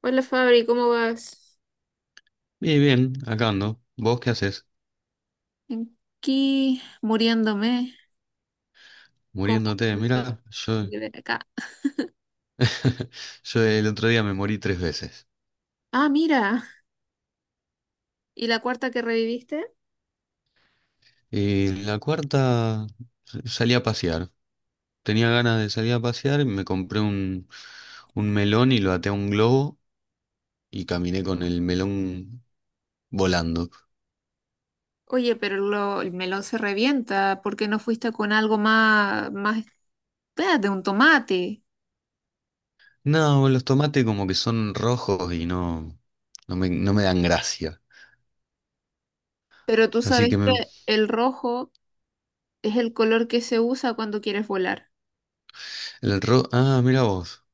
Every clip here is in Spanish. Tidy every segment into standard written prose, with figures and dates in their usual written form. Hola Fabri, ¿cómo vas? Bien, bien, acá ando. ¿Vos qué haces? Aquí muriéndome con Muriéndote. ganas Mira, de ver acá. yo el otro día me morí tres veces. Ah, mira, ¿y la cuarta que reviviste? Y la cuarta salí a pasear. Tenía ganas de salir a pasear, me compré un melón y lo até a un globo y caminé con el melón volando. Oye, pero el melón se revienta. ¿Por qué no fuiste con algo más, de un tomate? No, los tomates como que son rojos y no, no me dan gracia. Pero tú Así sabes que que el rojo es el color que se usa cuando quieres volar. el ah, mira vos.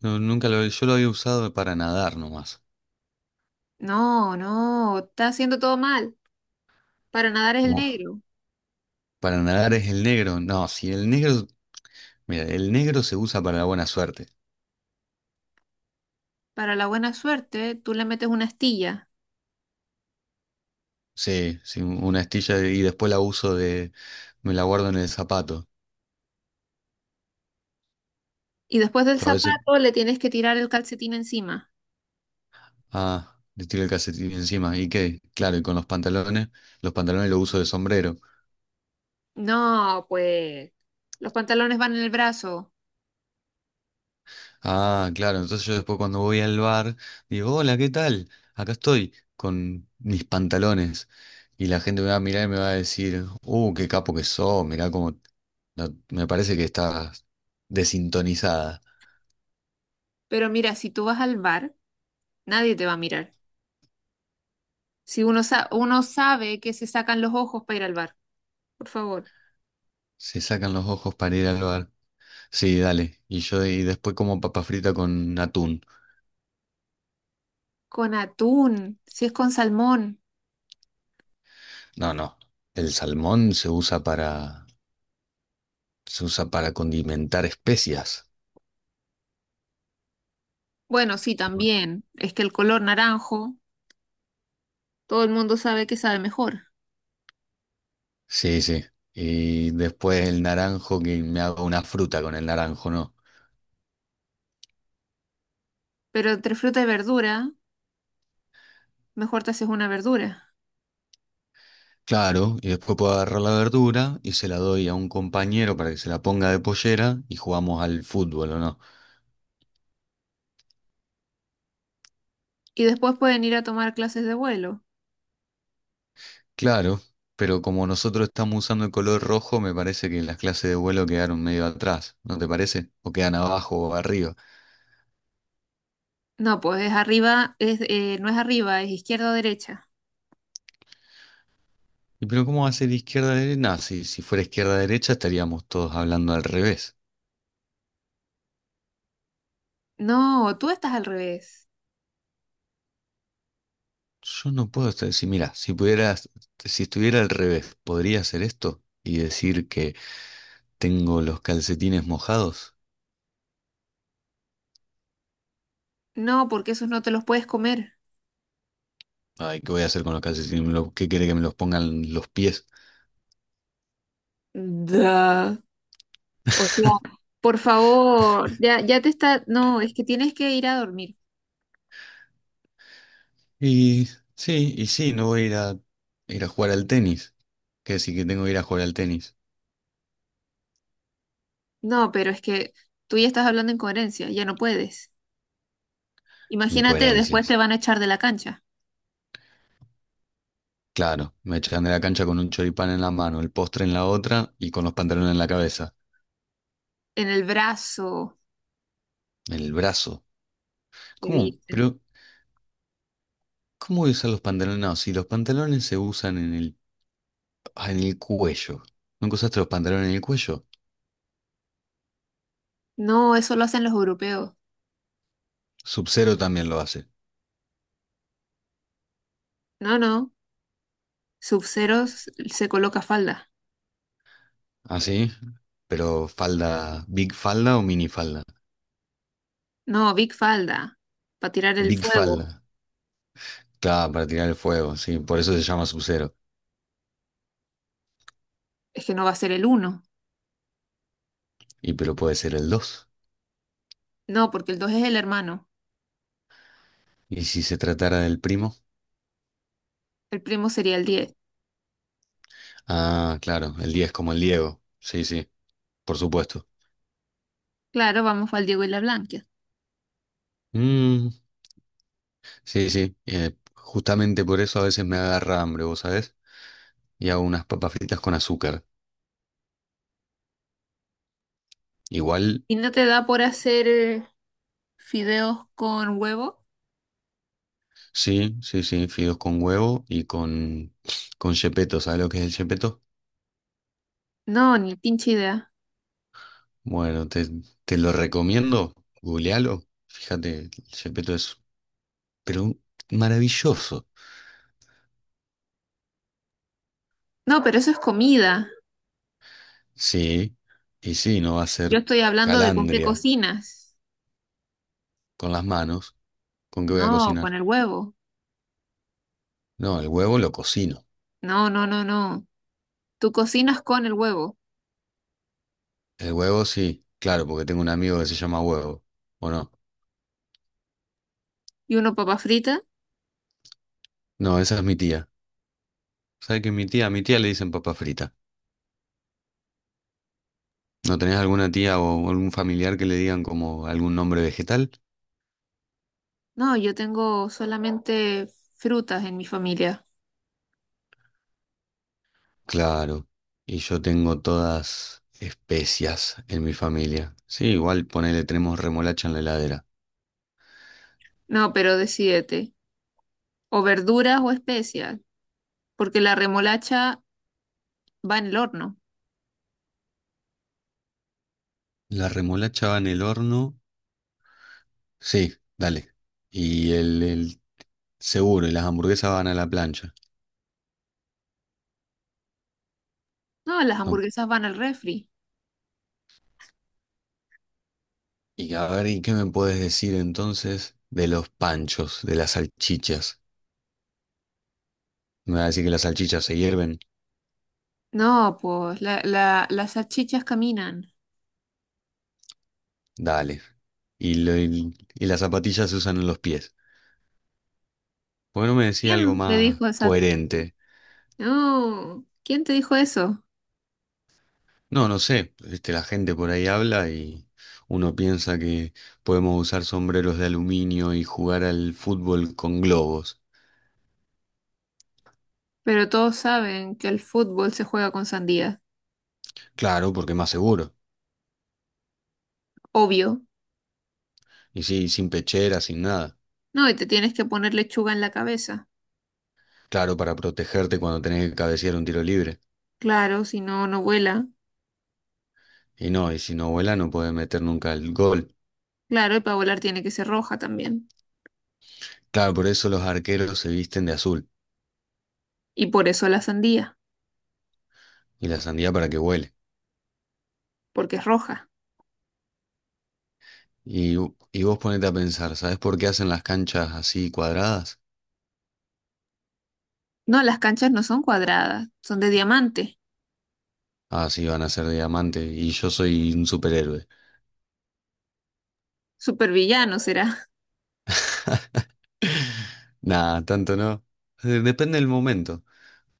No, nunca lo, yo lo había usado para nadar nomás. No, no, está haciendo todo mal. Para nadar es el negro. Para nadar es el negro. No, si el negro, mira, el negro se usa para la buena suerte. Para la buena suerte, tú le metes una astilla. Sí, sí, una astilla y después la uso me la guardo en el zapato. Y después del Yo a zapato le tienes que tirar el calcetín encima. ah, le tiro el calcetín encima. ¿Y qué? Claro, y con los pantalones, los pantalones los uso de sombrero. No, pues los pantalones van en el brazo. Ah, claro, entonces yo después cuando voy al bar, digo, hola, ¿qué tal? Acá estoy con mis pantalones. Y la gente me va a mirar y me va a decir, qué capo que sos, mirá cómo, no, me parece que estás desintonizada. Pero mira, si tú vas al bar, nadie te va a mirar. Si uno, uno sabe que se sacan los ojos para ir al bar, por favor. Se sacan los ojos para ir al bar. Sí, dale. Y yo y después como papa frita con atún. Con atún, si es con salmón. No, no. El salmón se usa para condimentar especias. Bueno, sí, también. Es que el color naranjo, todo el mundo sabe que sabe mejor. Sí, sí. Y después el naranjo que me hago una fruta con el naranjo, ¿no? Pero entre fruta y verdura, mejor te haces una verdura. Claro, y después puedo agarrar la verdura y se la doy a un compañero para que se la ponga de pollera y jugamos al fútbol, ¿o no? Y después pueden ir a tomar clases de vuelo. Claro, pero como nosotros estamos usando el color rojo, me parece que las clases de vuelo quedaron medio atrás, ¿no te parece? O quedan abajo o arriba. No, pues es arriba, es, no es arriba, es izquierda o derecha. ¿Y pero cómo va a ser izquierda-derecha? Nah, si fuera izquierda-derecha estaríamos todos hablando al revés. No, tú estás al revés. Yo no puedo estar, si mira, si pudieras, si estuviera al revés, ¿podría hacer esto y decir que tengo los calcetines mojados? No, porque esos no te los puedes comer. Ay, ¿qué voy a hacer con los calcetines? ¿Qué quiere que me los pongan los pies? Da. O sea, por favor, ya, ya te está. No, es que tienes que ir a dormir. Y sí, y sí, no voy a ir a jugar al tenis. Que decir que tengo que ir a jugar al tenis. No, pero es que tú ya estás hablando en coherencia, ya no puedes. Imagínate, después te Incoherencias. van a echar de la cancha. Claro, me echan de la cancha con un choripán en la mano, el postre en la otra y con los pantalones en la cabeza. En el brazo, En el brazo. te ¿Cómo? dicen. Pero, ¿cómo voy a usar los pantalones? No, si los pantalones se usan en ah, en el cuello. ¿Nunca usaste los pantalones en el cuello? No, eso lo hacen los europeos. Sub-Zero también lo hace. No, no. Sub-Zero se coloca falda. ¿Ah, sí? Pero falda, ¿big falda o mini falda? No, big falda. Para tirar el Big fuego. falda. Claro, para tirar el fuego, sí, por eso se llama sub. Es que no va a ser el uno. Y pero puede ser el dos. No, porque el dos es el hermano. ¿Y si se tratara del primo? El primo sería el 10. Ah, claro, el 10 como el Diego. Sí, sí, por supuesto. Claro, vamos al Diego y la Blanca. Mm, sí, sí. Justamente por eso a veces me agarra hambre, ¿vos sabés? Y hago unas papas fritas con azúcar. Igual, ¿Y no te da por hacer fideos con huevo? sí, sí, sí, fideos con huevo con chepeto. ¿Sabés lo que es el chepeto? No, ni pinche idea. Bueno, te lo recomiendo. Googlealo. Fíjate, pero maravilloso. No, pero eso es comida. Sí, y sí, no va a Yo ser estoy hablando de con qué calandria. cocinas. Con las manos, ¿con qué voy a No, cocinar? con el huevo. No, el huevo lo cocino. No, no, no, no. Tú cocinas con el huevo. El huevo sí, claro, porque tengo un amigo que se llama huevo. ¿O no? ¿Y uno papa frita? No, esa es mi tía. ¿Sabes qué? A mi tía le dicen papa frita. ¿No tenés alguna tía o algún familiar que le digan como algún nombre vegetal? No, yo tengo solamente frutas en mi familia. Claro. Y yo tengo todas especias en mi familia. Sí, igual ponele, tenemos remolacha en la heladera. No, pero decídete. O verduras o especias, porque la remolacha va en el horno. La remolacha va en el horno. Sí, dale. Y el seguro, y las hamburguesas van a la plancha. No, las No. hamburguesas van al refri. Y a ver, ¿y qué me puedes decir entonces de los panchos, de las salchichas? ¿Me vas a decir que las salchichas se hierven? No, pues las salchichas caminan. Dale. Y las zapatillas se usan en los pies. ¿Por qué no me decía algo ¿Quién te más dijo esa? coherente? No, ¿quién te dijo eso? No, no sé. Este, la gente por ahí habla y uno piensa que podemos usar sombreros de aluminio y jugar al fútbol con globos. Pero todos saben que el fútbol se juega con sandía. Claro, porque es más seguro. Obvio. Y sí, sin pechera, sin nada. No, y te tienes que poner lechuga en la cabeza. Claro, para protegerte cuando tenés que cabecear un tiro libre. Claro, si no, no vuela. Y no, y si no vuela no puede meter nunca el gol. Claro, y para volar tiene que ser roja también. Claro, por eso los arqueros se visten de azul Y por eso la sandía, y la sandía para que vuele. porque es roja. Y, y vos ponete a pensar, ¿sabés por qué hacen las canchas así cuadradas? No, las canchas no son cuadradas, son de diamante. Ah, sí, van a ser de diamante y yo soy un superhéroe. Supervillano será. Nada, tanto no. Depende del momento.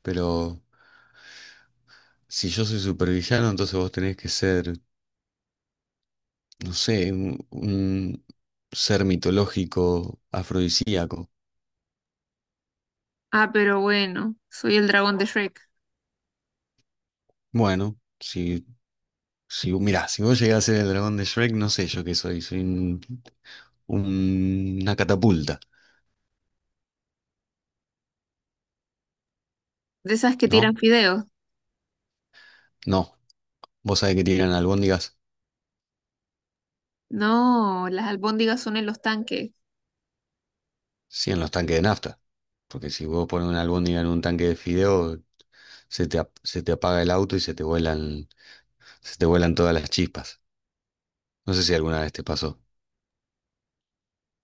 Pero si yo soy supervillano, entonces vos tenés que ser, no sé, un ser mitológico, afrodisíaco. Ah, pero bueno, soy el dragón de Shrek. Bueno, si si vos- mirá, si vos llegás a ser el dragón de Shrek, no sé yo qué soy. Soy una catapulta, De esas que ¿no? tiran fideos. No. Vos sabés que tiran albóndigas, No, las albóndigas son en los tanques. sí, en los tanques de nafta. Porque si vos pones una albóndiga en un tanque de fideo, se te apaga el auto y se te vuelan todas las chispas. No sé si alguna vez te pasó.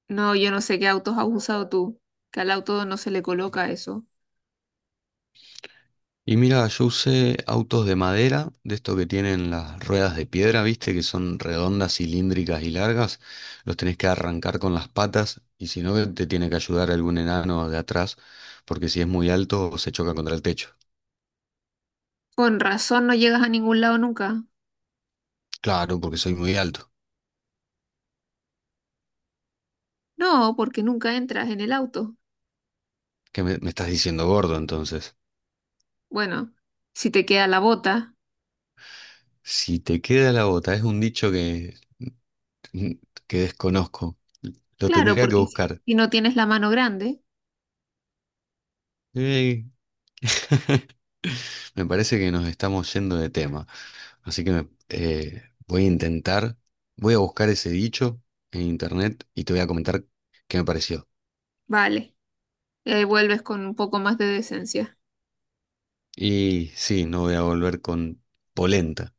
No, yo no sé qué autos has usado tú, que al auto no se le coloca eso. Y mira, yo usé autos de madera, de estos que tienen las ruedas de piedra, viste, que son redondas, cilíndricas y largas. Los tenés que arrancar con las patas y si no, te tiene que ayudar algún enano de atrás, porque si es muy alto se choca contra el techo. Con razón no llegas a ningún lado nunca. Claro, porque soy muy alto. No, porque nunca entras en el auto. Me estás diciendo gordo entonces? Bueno, si te queda la bota, Si te queda la bota, es un dicho que desconozco. Lo claro, tendría que porque buscar. si no tienes la mano grande, Ey. Me parece que nos estamos yendo de tema. Así que voy a voy a buscar ese dicho en internet y te voy a comentar qué me pareció. vale, vuelves con un poco más de decencia. Y sí, no voy a volver con polenta.